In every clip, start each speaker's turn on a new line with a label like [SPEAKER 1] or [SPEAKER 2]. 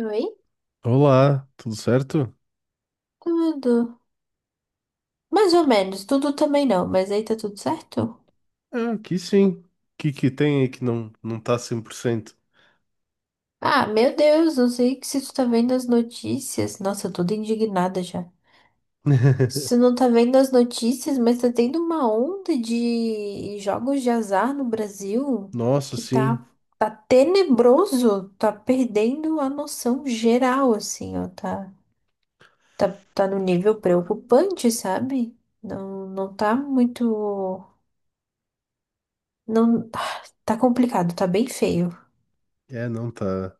[SPEAKER 1] Oi?
[SPEAKER 2] Olá, tudo certo?
[SPEAKER 1] Tudo. Mais ou menos. Tudo também não, mas aí tá tudo certo?
[SPEAKER 2] Ah, aqui sim. O que que tem aí que não tá 100%?
[SPEAKER 1] Ah, meu Deus, não sei que se tu tá vendo as notícias. Nossa, eu tô toda indignada já. Se tu não tá vendo as notícias, mas tá tendo uma onda de jogos de azar no Brasil
[SPEAKER 2] Nossa,
[SPEAKER 1] que
[SPEAKER 2] sim.
[SPEAKER 1] tá tenebroso. Tá perdendo a noção geral, assim, ó. Tá, tá no nível preocupante, sabe? Não, não tá muito. Não, tá complicado, tá bem feio.
[SPEAKER 2] É, não, tá,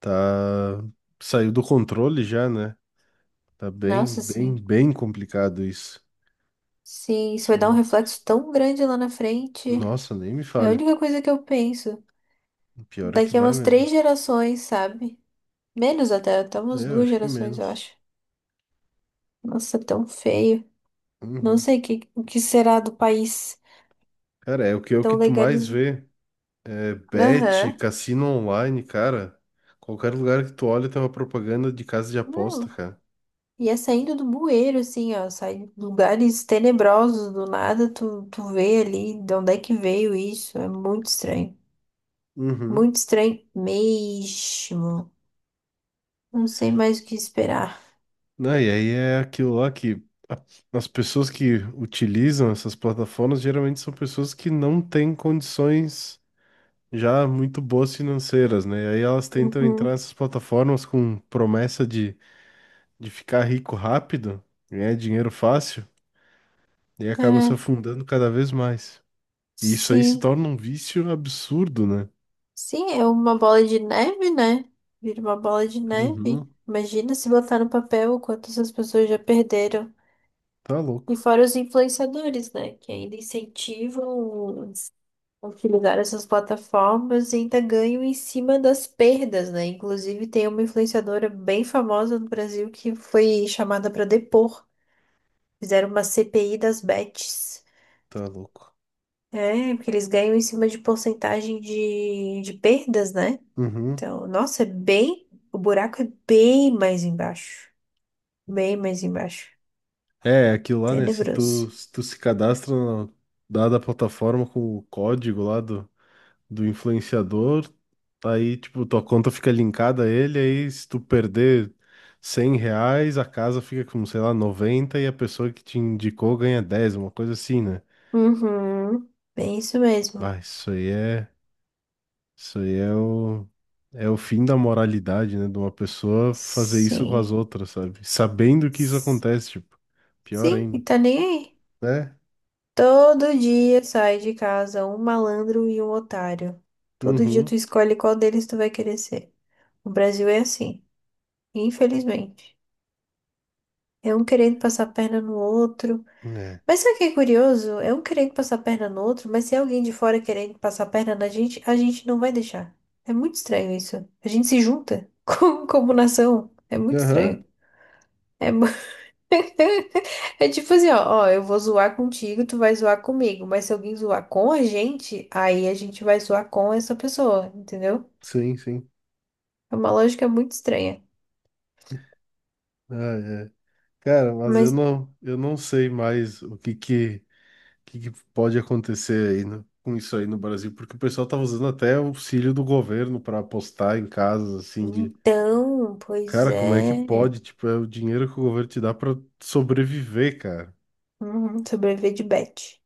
[SPEAKER 2] tá... Saiu do controle já, né? Tá bem,
[SPEAKER 1] Nossa,
[SPEAKER 2] bem,
[SPEAKER 1] sim.
[SPEAKER 2] bem complicado isso.
[SPEAKER 1] Sim, isso vai dar um
[SPEAKER 2] São...
[SPEAKER 1] reflexo tão grande lá na frente.
[SPEAKER 2] Nossa, nem me
[SPEAKER 1] É a
[SPEAKER 2] fale.
[SPEAKER 1] única coisa que eu penso.
[SPEAKER 2] Pior é que
[SPEAKER 1] Daqui a
[SPEAKER 2] vai
[SPEAKER 1] umas três
[SPEAKER 2] mesmo.
[SPEAKER 1] gerações, sabe? Menos até, até
[SPEAKER 2] É,
[SPEAKER 1] umas
[SPEAKER 2] eu
[SPEAKER 1] duas
[SPEAKER 2] acho que
[SPEAKER 1] gerações, eu
[SPEAKER 2] menos.
[SPEAKER 1] acho. Nossa, tão feio. Não
[SPEAKER 2] Uhum.
[SPEAKER 1] sei o que será do país
[SPEAKER 2] Cara, é o
[SPEAKER 1] tão
[SPEAKER 2] que tu mais
[SPEAKER 1] legalizado.
[SPEAKER 2] vê. É bet,
[SPEAKER 1] Aham.
[SPEAKER 2] cassino online, cara. Qualquer lugar que tu olha tem uma propaganda de casa de aposta,
[SPEAKER 1] Não.
[SPEAKER 2] cara.
[SPEAKER 1] E é saindo do bueiro, assim, ó. Sai de lugares tenebrosos do nada, tu vê ali de onde é que veio isso. É muito estranho.
[SPEAKER 2] Uhum.
[SPEAKER 1] Muito estranho mesmo. Não sei mais o que esperar.
[SPEAKER 2] Não, e aí é aquilo lá que a- as pessoas que utilizam essas plataformas geralmente são pessoas que não têm condições já muito boas financeiras, né? E aí elas tentam entrar
[SPEAKER 1] Uhum.
[SPEAKER 2] nessas plataformas com promessa de ficar rico rápido, ganhar dinheiro fácil, e acabam se
[SPEAKER 1] É,
[SPEAKER 2] afundando cada vez mais. E isso aí se
[SPEAKER 1] sim.
[SPEAKER 2] torna um vício absurdo, né?
[SPEAKER 1] Sim, é uma bola de neve, né? Vira uma bola de neve.
[SPEAKER 2] Uhum.
[SPEAKER 1] Imagina se botar no papel o quanto essas pessoas já perderam.
[SPEAKER 2] Tá
[SPEAKER 1] E
[SPEAKER 2] louco,
[SPEAKER 1] fora os influenciadores, né? Que ainda incentivam a utilizar essas plataformas e ainda ganham em cima das perdas, né? Inclusive, tem uma influenciadora bem famosa no Brasil que foi chamada para depor. Fizeram uma CPI das bets.
[SPEAKER 2] tá louco.
[SPEAKER 1] É, porque eles ganham em cima de porcentagem de perdas, né?
[SPEAKER 2] Uhum.
[SPEAKER 1] Então, nossa, é bem. O buraco é bem mais embaixo. Bem mais embaixo.
[SPEAKER 2] É, aquilo lá, né? Se
[SPEAKER 1] Tenebroso.
[SPEAKER 2] tu se cadastra na dada a plataforma com o código lá do influenciador, aí, tipo, tua conta fica linkada a ele, aí se tu perder 100 reais, a casa fica com, sei lá, 90 e a pessoa que te indicou ganha 10, uma coisa assim, né?
[SPEAKER 1] Uhum. Bem isso mesmo.
[SPEAKER 2] Ah, isso aí é é o fim da moralidade, né? De uma pessoa fazer isso com as
[SPEAKER 1] Sim.
[SPEAKER 2] outras, sabe? Sabendo que isso
[SPEAKER 1] S-
[SPEAKER 2] acontece, tipo, pior
[SPEAKER 1] Sim, e
[SPEAKER 2] ainda,
[SPEAKER 1] tá nem aí.
[SPEAKER 2] né?
[SPEAKER 1] Todo dia sai de casa um malandro e um otário. Todo dia tu
[SPEAKER 2] Uhum.
[SPEAKER 1] escolhe qual deles tu vai querer ser. O Brasil é assim, infelizmente. É um querendo passar a perna no outro.
[SPEAKER 2] Né?
[SPEAKER 1] Mas sabe o que é curioso? É um querendo passar a perna no outro, mas se é alguém de fora querendo passar a perna na gente, a gente não vai deixar. É muito estranho isso. A gente se junta como, como nação. É muito estranho.
[SPEAKER 2] Aham.
[SPEAKER 1] É, é tipo assim, ó, ó, eu vou zoar contigo, tu vai zoar comigo, mas se alguém zoar com a gente, aí a gente vai zoar com essa pessoa, entendeu?
[SPEAKER 2] Sim, sim.
[SPEAKER 1] É uma lógica muito estranha.
[SPEAKER 2] Ah, é. Cara, mas
[SPEAKER 1] Mas
[SPEAKER 2] eu não sei mais o que que pode acontecer aí com isso aí no Brasil, porque o pessoal tava usando até o auxílio do governo para apostar em casos assim de,
[SPEAKER 1] então, pois
[SPEAKER 2] cara, como é que
[SPEAKER 1] é.
[SPEAKER 2] pode? Tipo, é o dinheiro que o governo te dá para sobreviver, cara,
[SPEAKER 1] Uhum, sobreviver de bet.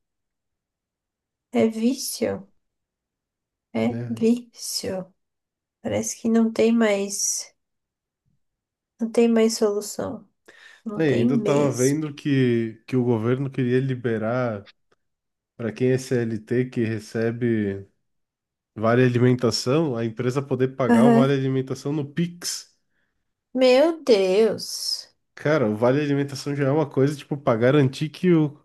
[SPEAKER 1] É vício. É
[SPEAKER 2] né?
[SPEAKER 1] vício. Parece que não tem mais solução.
[SPEAKER 2] E
[SPEAKER 1] Não tem
[SPEAKER 2] ainda eu tava
[SPEAKER 1] mesmo.
[SPEAKER 2] vendo que o governo queria liberar para quem é CLT que recebe vale alimentação, a empresa poder pagar o
[SPEAKER 1] Aham.
[SPEAKER 2] vale alimentação no Pix.
[SPEAKER 1] Meu Deus.
[SPEAKER 2] Cara, o vale alimentação já é uma coisa, tipo, pra garantir que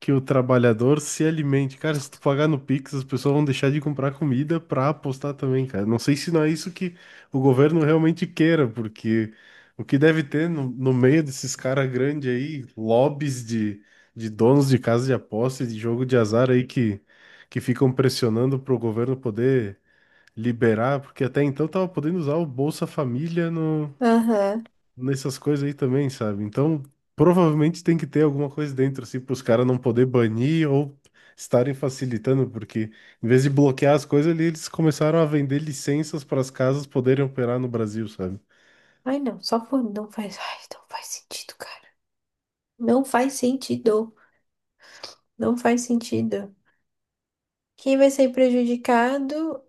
[SPEAKER 2] que o trabalhador se alimente. Cara, se tu pagar no Pix, as pessoas vão deixar de comprar comida pra apostar também, cara. Não sei se não é isso que o governo realmente queira, porque o que deve ter no meio desses caras grandes aí, lobbies de donos de casa de aposta e de jogo de azar aí que ficam pressionando pro governo poder liberar, porque até então tava podendo usar o Bolsa Família no
[SPEAKER 1] Aham.
[SPEAKER 2] nessas coisas aí também, sabe? Então, provavelmente tem que ter alguma coisa dentro, assim, para os caras não poder banir ou estarem facilitando, porque em vez de bloquear as coisas ali, eles começaram a vender licenças para as casas poderem operar no Brasil, sabe?
[SPEAKER 1] Ai, não, só por não faz, ai, não faz sentido, cara. Não faz sentido. Não faz sentido. Quem vai sair prejudicado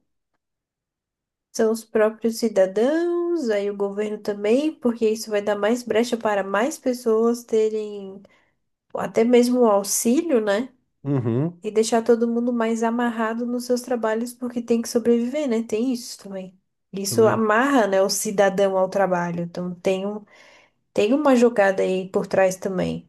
[SPEAKER 1] são os próprios cidadãos, aí o governo também, porque isso vai dar mais brecha para mais pessoas terem até mesmo o auxílio, né?
[SPEAKER 2] Uhum,
[SPEAKER 1] E deixar todo mundo mais amarrado nos seus trabalhos porque tem que sobreviver, né? Tem isso também. Isso
[SPEAKER 2] também.
[SPEAKER 1] amarra, né, o cidadão ao trabalho. Então tem uma jogada aí por trás também.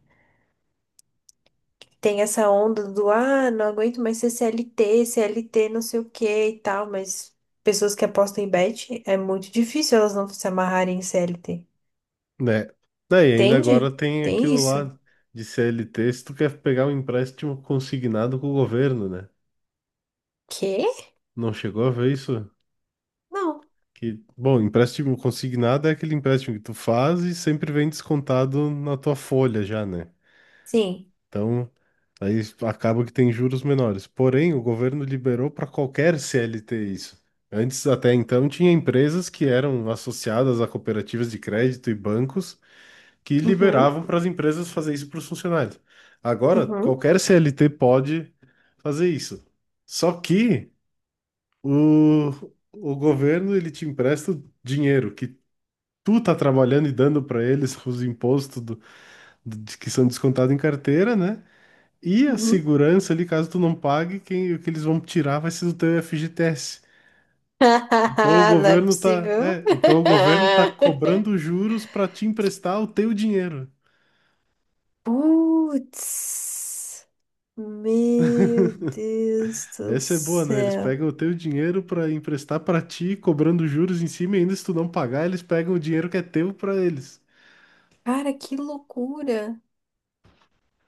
[SPEAKER 1] Tem essa onda do, ah, não aguento mais ser CLT, CLT não sei o que e tal, mas pessoas que apostam em bet, é muito difícil elas não se amarrarem em CLT.
[SPEAKER 2] Né? Daí ainda agora
[SPEAKER 1] Entende?
[SPEAKER 2] tem
[SPEAKER 1] Tem
[SPEAKER 2] aquilo
[SPEAKER 1] isso.
[SPEAKER 2] lá de CLT, se tu quer pegar um empréstimo consignado com o governo, né?
[SPEAKER 1] Quê?
[SPEAKER 2] Não chegou a ver isso?
[SPEAKER 1] Não.
[SPEAKER 2] Que, bom, empréstimo consignado é aquele empréstimo que tu faz e sempre vem descontado na tua folha já, né?
[SPEAKER 1] Sim.
[SPEAKER 2] Então, aí acaba que tem juros menores. Porém, o governo liberou para qualquer CLT isso. Antes, até então, tinha empresas que eram associadas a cooperativas de crédito e bancos que
[SPEAKER 1] Uhum,
[SPEAKER 2] liberavam para as empresas fazer isso para os funcionários. Agora,
[SPEAKER 1] uhum,
[SPEAKER 2] qualquer CLT pode fazer isso. Só que o, o governo ele te empresta o dinheiro que tu tá trabalhando e dando para eles os impostos que são descontados em carteira, né? E a
[SPEAKER 1] uhum.
[SPEAKER 2] segurança ali, caso tu não pague, quem, o que eles vão tirar vai ser do teu FGTS. Então o
[SPEAKER 1] Não é
[SPEAKER 2] governo tá,
[SPEAKER 1] possível.
[SPEAKER 2] é, então o governo tá cobrando juros para te emprestar o teu dinheiro.
[SPEAKER 1] Putz, meu Deus do
[SPEAKER 2] Essa é boa, né? Eles
[SPEAKER 1] céu.
[SPEAKER 2] pegam o teu dinheiro para emprestar para ti, cobrando juros em cima, e ainda se tu não pagar, eles pegam o dinheiro que é teu para eles.
[SPEAKER 1] Cara, que loucura.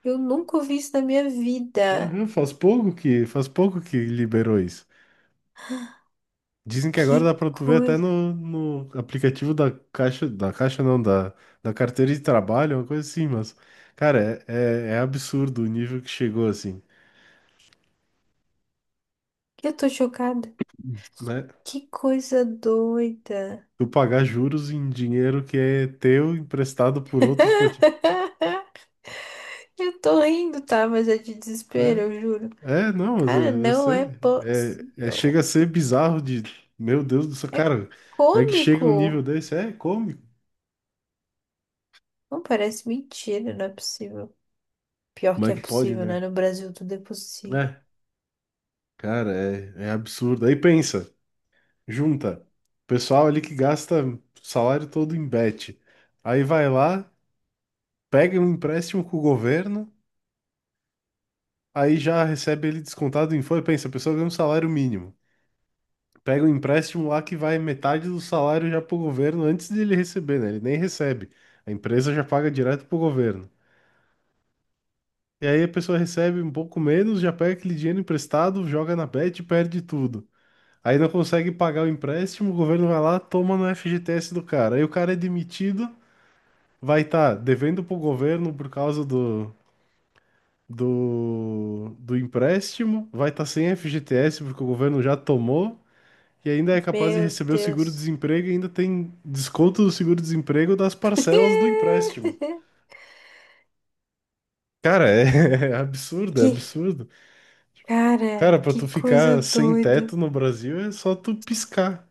[SPEAKER 1] Eu nunca ouvi isso na minha vida.
[SPEAKER 2] Aham, faz pouco que liberou isso. Dizem que
[SPEAKER 1] Que
[SPEAKER 2] agora dá pra tu ver até
[SPEAKER 1] coisa.
[SPEAKER 2] no aplicativo da caixa não, da carteira de trabalho, uma coisa assim, mas, cara, é absurdo o nível que chegou assim,
[SPEAKER 1] Eu tô chocada.
[SPEAKER 2] né?
[SPEAKER 1] Que coisa doida.
[SPEAKER 2] Tu pagar juros em dinheiro que é teu, emprestado por outros pra ti.
[SPEAKER 1] Eu tô rindo, tá? Mas é de desespero,
[SPEAKER 2] É,
[SPEAKER 1] eu juro.
[SPEAKER 2] não, mas
[SPEAKER 1] Cara,
[SPEAKER 2] eu
[SPEAKER 1] não
[SPEAKER 2] sei.
[SPEAKER 1] é possível.
[SPEAKER 2] Chega a ser bizarro de, meu Deus do céu,
[SPEAKER 1] É
[SPEAKER 2] cara, como é que chega um nível
[SPEAKER 1] cômico.
[SPEAKER 2] desse? É cômico.
[SPEAKER 1] Não parece mentira, não é possível. Pior
[SPEAKER 2] Como
[SPEAKER 1] que
[SPEAKER 2] é
[SPEAKER 1] é
[SPEAKER 2] que pode,
[SPEAKER 1] possível, né?
[SPEAKER 2] né?
[SPEAKER 1] No Brasil tudo é possível.
[SPEAKER 2] É, cara, é absurdo. Aí pensa. Junta o pessoal ali que gasta o salário todo em bet. Aí vai lá, pega um empréstimo com o governo, aí já recebe ele descontado em folha. Pensa, a pessoa ganha um salário mínimo. Pega um empréstimo lá que vai metade do salário já pro governo antes de ele receber, né? Ele nem recebe. A empresa já paga direto pro governo. E aí a pessoa recebe um pouco menos, já pega aquele dinheiro emprestado, joga na bet e perde tudo. Aí não consegue pagar o empréstimo, o governo vai lá, toma no FGTS do cara. Aí o cara é demitido, vai estar devendo pro governo por causa do empréstimo, vai estar sem FGTS porque o governo já tomou, e ainda é capaz de
[SPEAKER 1] Meu
[SPEAKER 2] receber o
[SPEAKER 1] Deus.
[SPEAKER 2] seguro-desemprego e ainda tem desconto do seguro-desemprego das parcelas do empréstimo. Cara, é, é absurdo, é
[SPEAKER 1] Que,
[SPEAKER 2] absurdo.
[SPEAKER 1] cara,
[SPEAKER 2] Cara, para tu
[SPEAKER 1] que coisa
[SPEAKER 2] ficar sem
[SPEAKER 1] doida.
[SPEAKER 2] teto no Brasil é só tu piscar,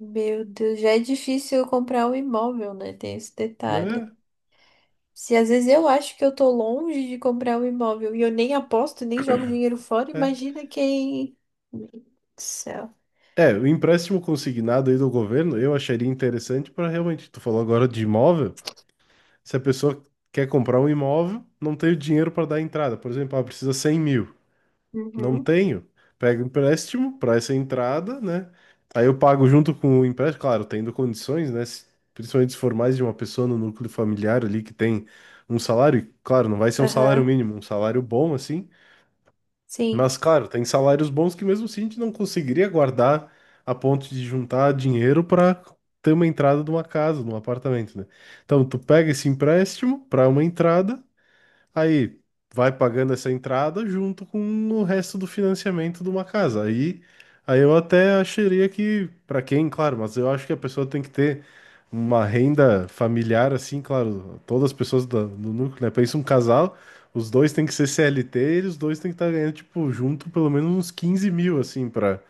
[SPEAKER 1] Meu Deus, já é difícil eu comprar um imóvel, né? Tem esse detalhe.
[SPEAKER 2] né?
[SPEAKER 1] Se às vezes eu acho que eu tô longe de comprar um imóvel e eu nem aposto, nem jogo dinheiro fora,
[SPEAKER 2] É.
[SPEAKER 1] imagina quem. Meu Deus do Céu.
[SPEAKER 2] É, o empréstimo consignado aí do governo eu acharia interessante para realmente, tu falou agora de imóvel. Se a pessoa quer comprar um imóvel, não tem o dinheiro para dar entrada. Por exemplo, ah, precisa 100 mil. Não
[SPEAKER 1] Uhum.
[SPEAKER 2] tenho. Pega empréstimo para essa entrada, né? Aí eu pago junto com o empréstimo, claro, tendo condições, né? Principalmente se for mais de uma pessoa no núcleo familiar ali que tem um salário, e, claro, não vai ser um salário
[SPEAKER 1] Aham.
[SPEAKER 2] mínimo, um salário bom assim,
[SPEAKER 1] Sim.
[SPEAKER 2] mas, claro, tem salários bons que mesmo assim a gente não conseguiria guardar a ponto de juntar dinheiro para ter uma entrada de uma casa, de um apartamento, né? Então, tu pega esse empréstimo para uma entrada. Aí vai pagando essa entrada junto com o resto do financiamento de uma casa. Aí, aí eu até acharia que, para quem, claro, mas eu acho que a pessoa tem que ter uma renda familiar, assim, claro, todas as pessoas do núcleo, né? Pensa um casal, os dois têm que ser CLT e os dois têm que estar ganhando, tipo, junto pelo menos uns 15 mil, assim,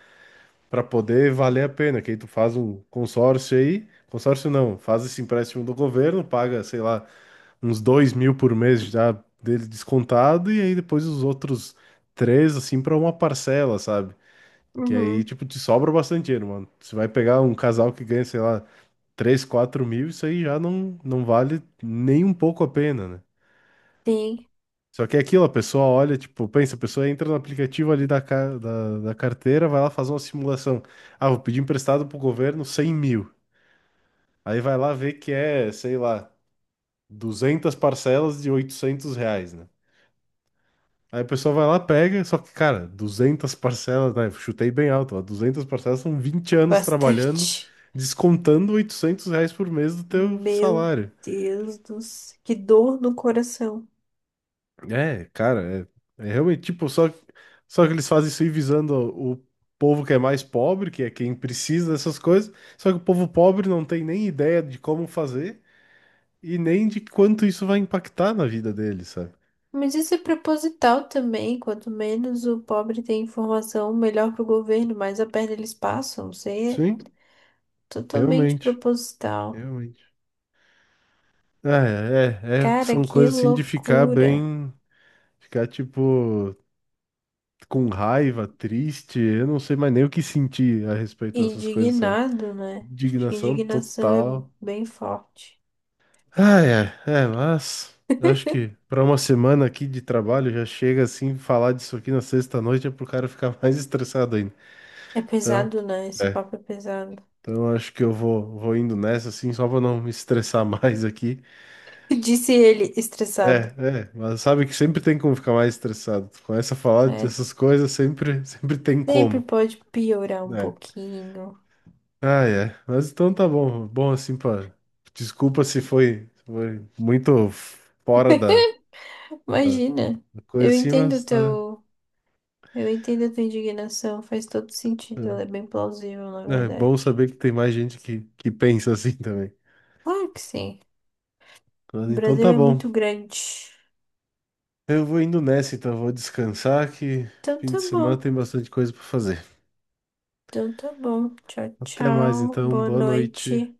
[SPEAKER 2] para poder valer a pena. Que aí tu faz um consórcio aí, consórcio não, faz esse empréstimo do governo, paga, sei lá, uns 2 mil por mês já dele descontado, e aí depois os outros três, assim, pra uma parcela, sabe? Que aí,
[SPEAKER 1] Uhum.
[SPEAKER 2] tipo, te sobra bastante dinheiro, mano. Você vai pegar um casal que ganha, sei lá, 3 ou 4 mil, isso aí já não vale nem um pouco a pena, né?
[SPEAKER 1] Sim.
[SPEAKER 2] Só que é aquilo, a pessoa olha, tipo, pensa, a pessoa entra no aplicativo ali da carteira, vai lá fazer uma simulação. Ah, vou pedir emprestado pro governo 100 mil. Aí vai lá ver que é, sei lá, 200 parcelas de 800 reais, né? Aí o pessoal vai lá, pega, só que, cara, 200 parcelas, né? Chutei bem alto, ó, 200 parcelas são vinte anos trabalhando,
[SPEAKER 1] Bastante.
[SPEAKER 2] descontando 800 reais por mês do teu
[SPEAKER 1] Meu
[SPEAKER 2] salário.
[SPEAKER 1] Deus do céu, que dor no coração.
[SPEAKER 2] É, cara, é, é realmente, tipo, só que eles fazem isso aí visando o povo que é mais pobre, que é quem precisa dessas coisas, só que o povo pobre não tem nem ideia de como fazer e nem de quanto isso vai impactar na vida deles, sabe?
[SPEAKER 1] Mas isso é proposital também. Quanto menos o pobre tem informação, melhor para o governo, mais a perna eles passam. Isso aí é
[SPEAKER 2] Sim,
[SPEAKER 1] totalmente
[SPEAKER 2] realmente,
[SPEAKER 1] proposital.
[SPEAKER 2] realmente. Ah, É, é, é,
[SPEAKER 1] Cara,
[SPEAKER 2] são
[SPEAKER 1] que
[SPEAKER 2] coisas assim de ficar
[SPEAKER 1] loucura.
[SPEAKER 2] bem. Ficar, tipo, com raiva, triste, eu não sei mais nem o que sentir a respeito dessas coisas, sabe?
[SPEAKER 1] Indignado, né? Acho que
[SPEAKER 2] Indignação
[SPEAKER 1] indignação é
[SPEAKER 2] total.
[SPEAKER 1] bem forte.
[SPEAKER 2] Ai, ai, é, mas eu acho que pra uma semana aqui de trabalho já chega assim, falar disso aqui na sexta-noite é pro cara ficar mais estressado ainda.
[SPEAKER 1] É
[SPEAKER 2] Então,
[SPEAKER 1] pesado, né? Esse
[SPEAKER 2] é.
[SPEAKER 1] papo é pesado.
[SPEAKER 2] Então eu acho que vou indo nessa assim, só pra não me estressar mais aqui.
[SPEAKER 1] Disse ele, estressado.
[SPEAKER 2] Mas sabe que sempre tem como ficar mais estressado. Tu começa a falar
[SPEAKER 1] É,
[SPEAKER 2] dessas coisas, sempre tem
[SPEAKER 1] sempre
[SPEAKER 2] como.
[SPEAKER 1] pode piorar um
[SPEAKER 2] É.
[SPEAKER 1] pouquinho.
[SPEAKER 2] Ah, é. Mas então tá bom. Bom assim pra. Desculpa se foi, foi muito fora da
[SPEAKER 1] Imagina.
[SPEAKER 2] da coisa
[SPEAKER 1] Eu
[SPEAKER 2] assim,
[SPEAKER 1] entendo o
[SPEAKER 2] mas tá.
[SPEAKER 1] teu Eu entendo a tua indignação, faz todo sentido, ela é bem plausível, na
[SPEAKER 2] É, é
[SPEAKER 1] verdade.
[SPEAKER 2] bom saber que tem mais gente que pensa assim também.
[SPEAKER 1] Claro que sim.
[SPEAKER 2] Mas
[SPEAKER 1] O
[SPEAKER 2] então
[SPEAKER 1] Brasil
[SPEAKER 2] tá
[SPEAKER 1] é
[SPEAKER 2] bom.
[SPEAKER 1] muito grande.
[SPEAKER 2] Eu vou indo nessa, então. Vou descansar que
[SPEAKER 1] Então
[SPEAKER 2] fim
[SPEAKER 1] tá
[SPEAKER 2] de semana
[SPEAKER 1] bom.
[SPEAKER 2] tem bastante coisa pra fazer.
[SPEAKER 1] Então tá bom. Tchau,
[SPEAKER 2] Até mais,
[SPEAKER 1] tchau.
[SPEAKER 2] então.
[SPEAKER 1] Boa
[SPEAKER 2] Boa noite.
[SPEAKER 1] noite.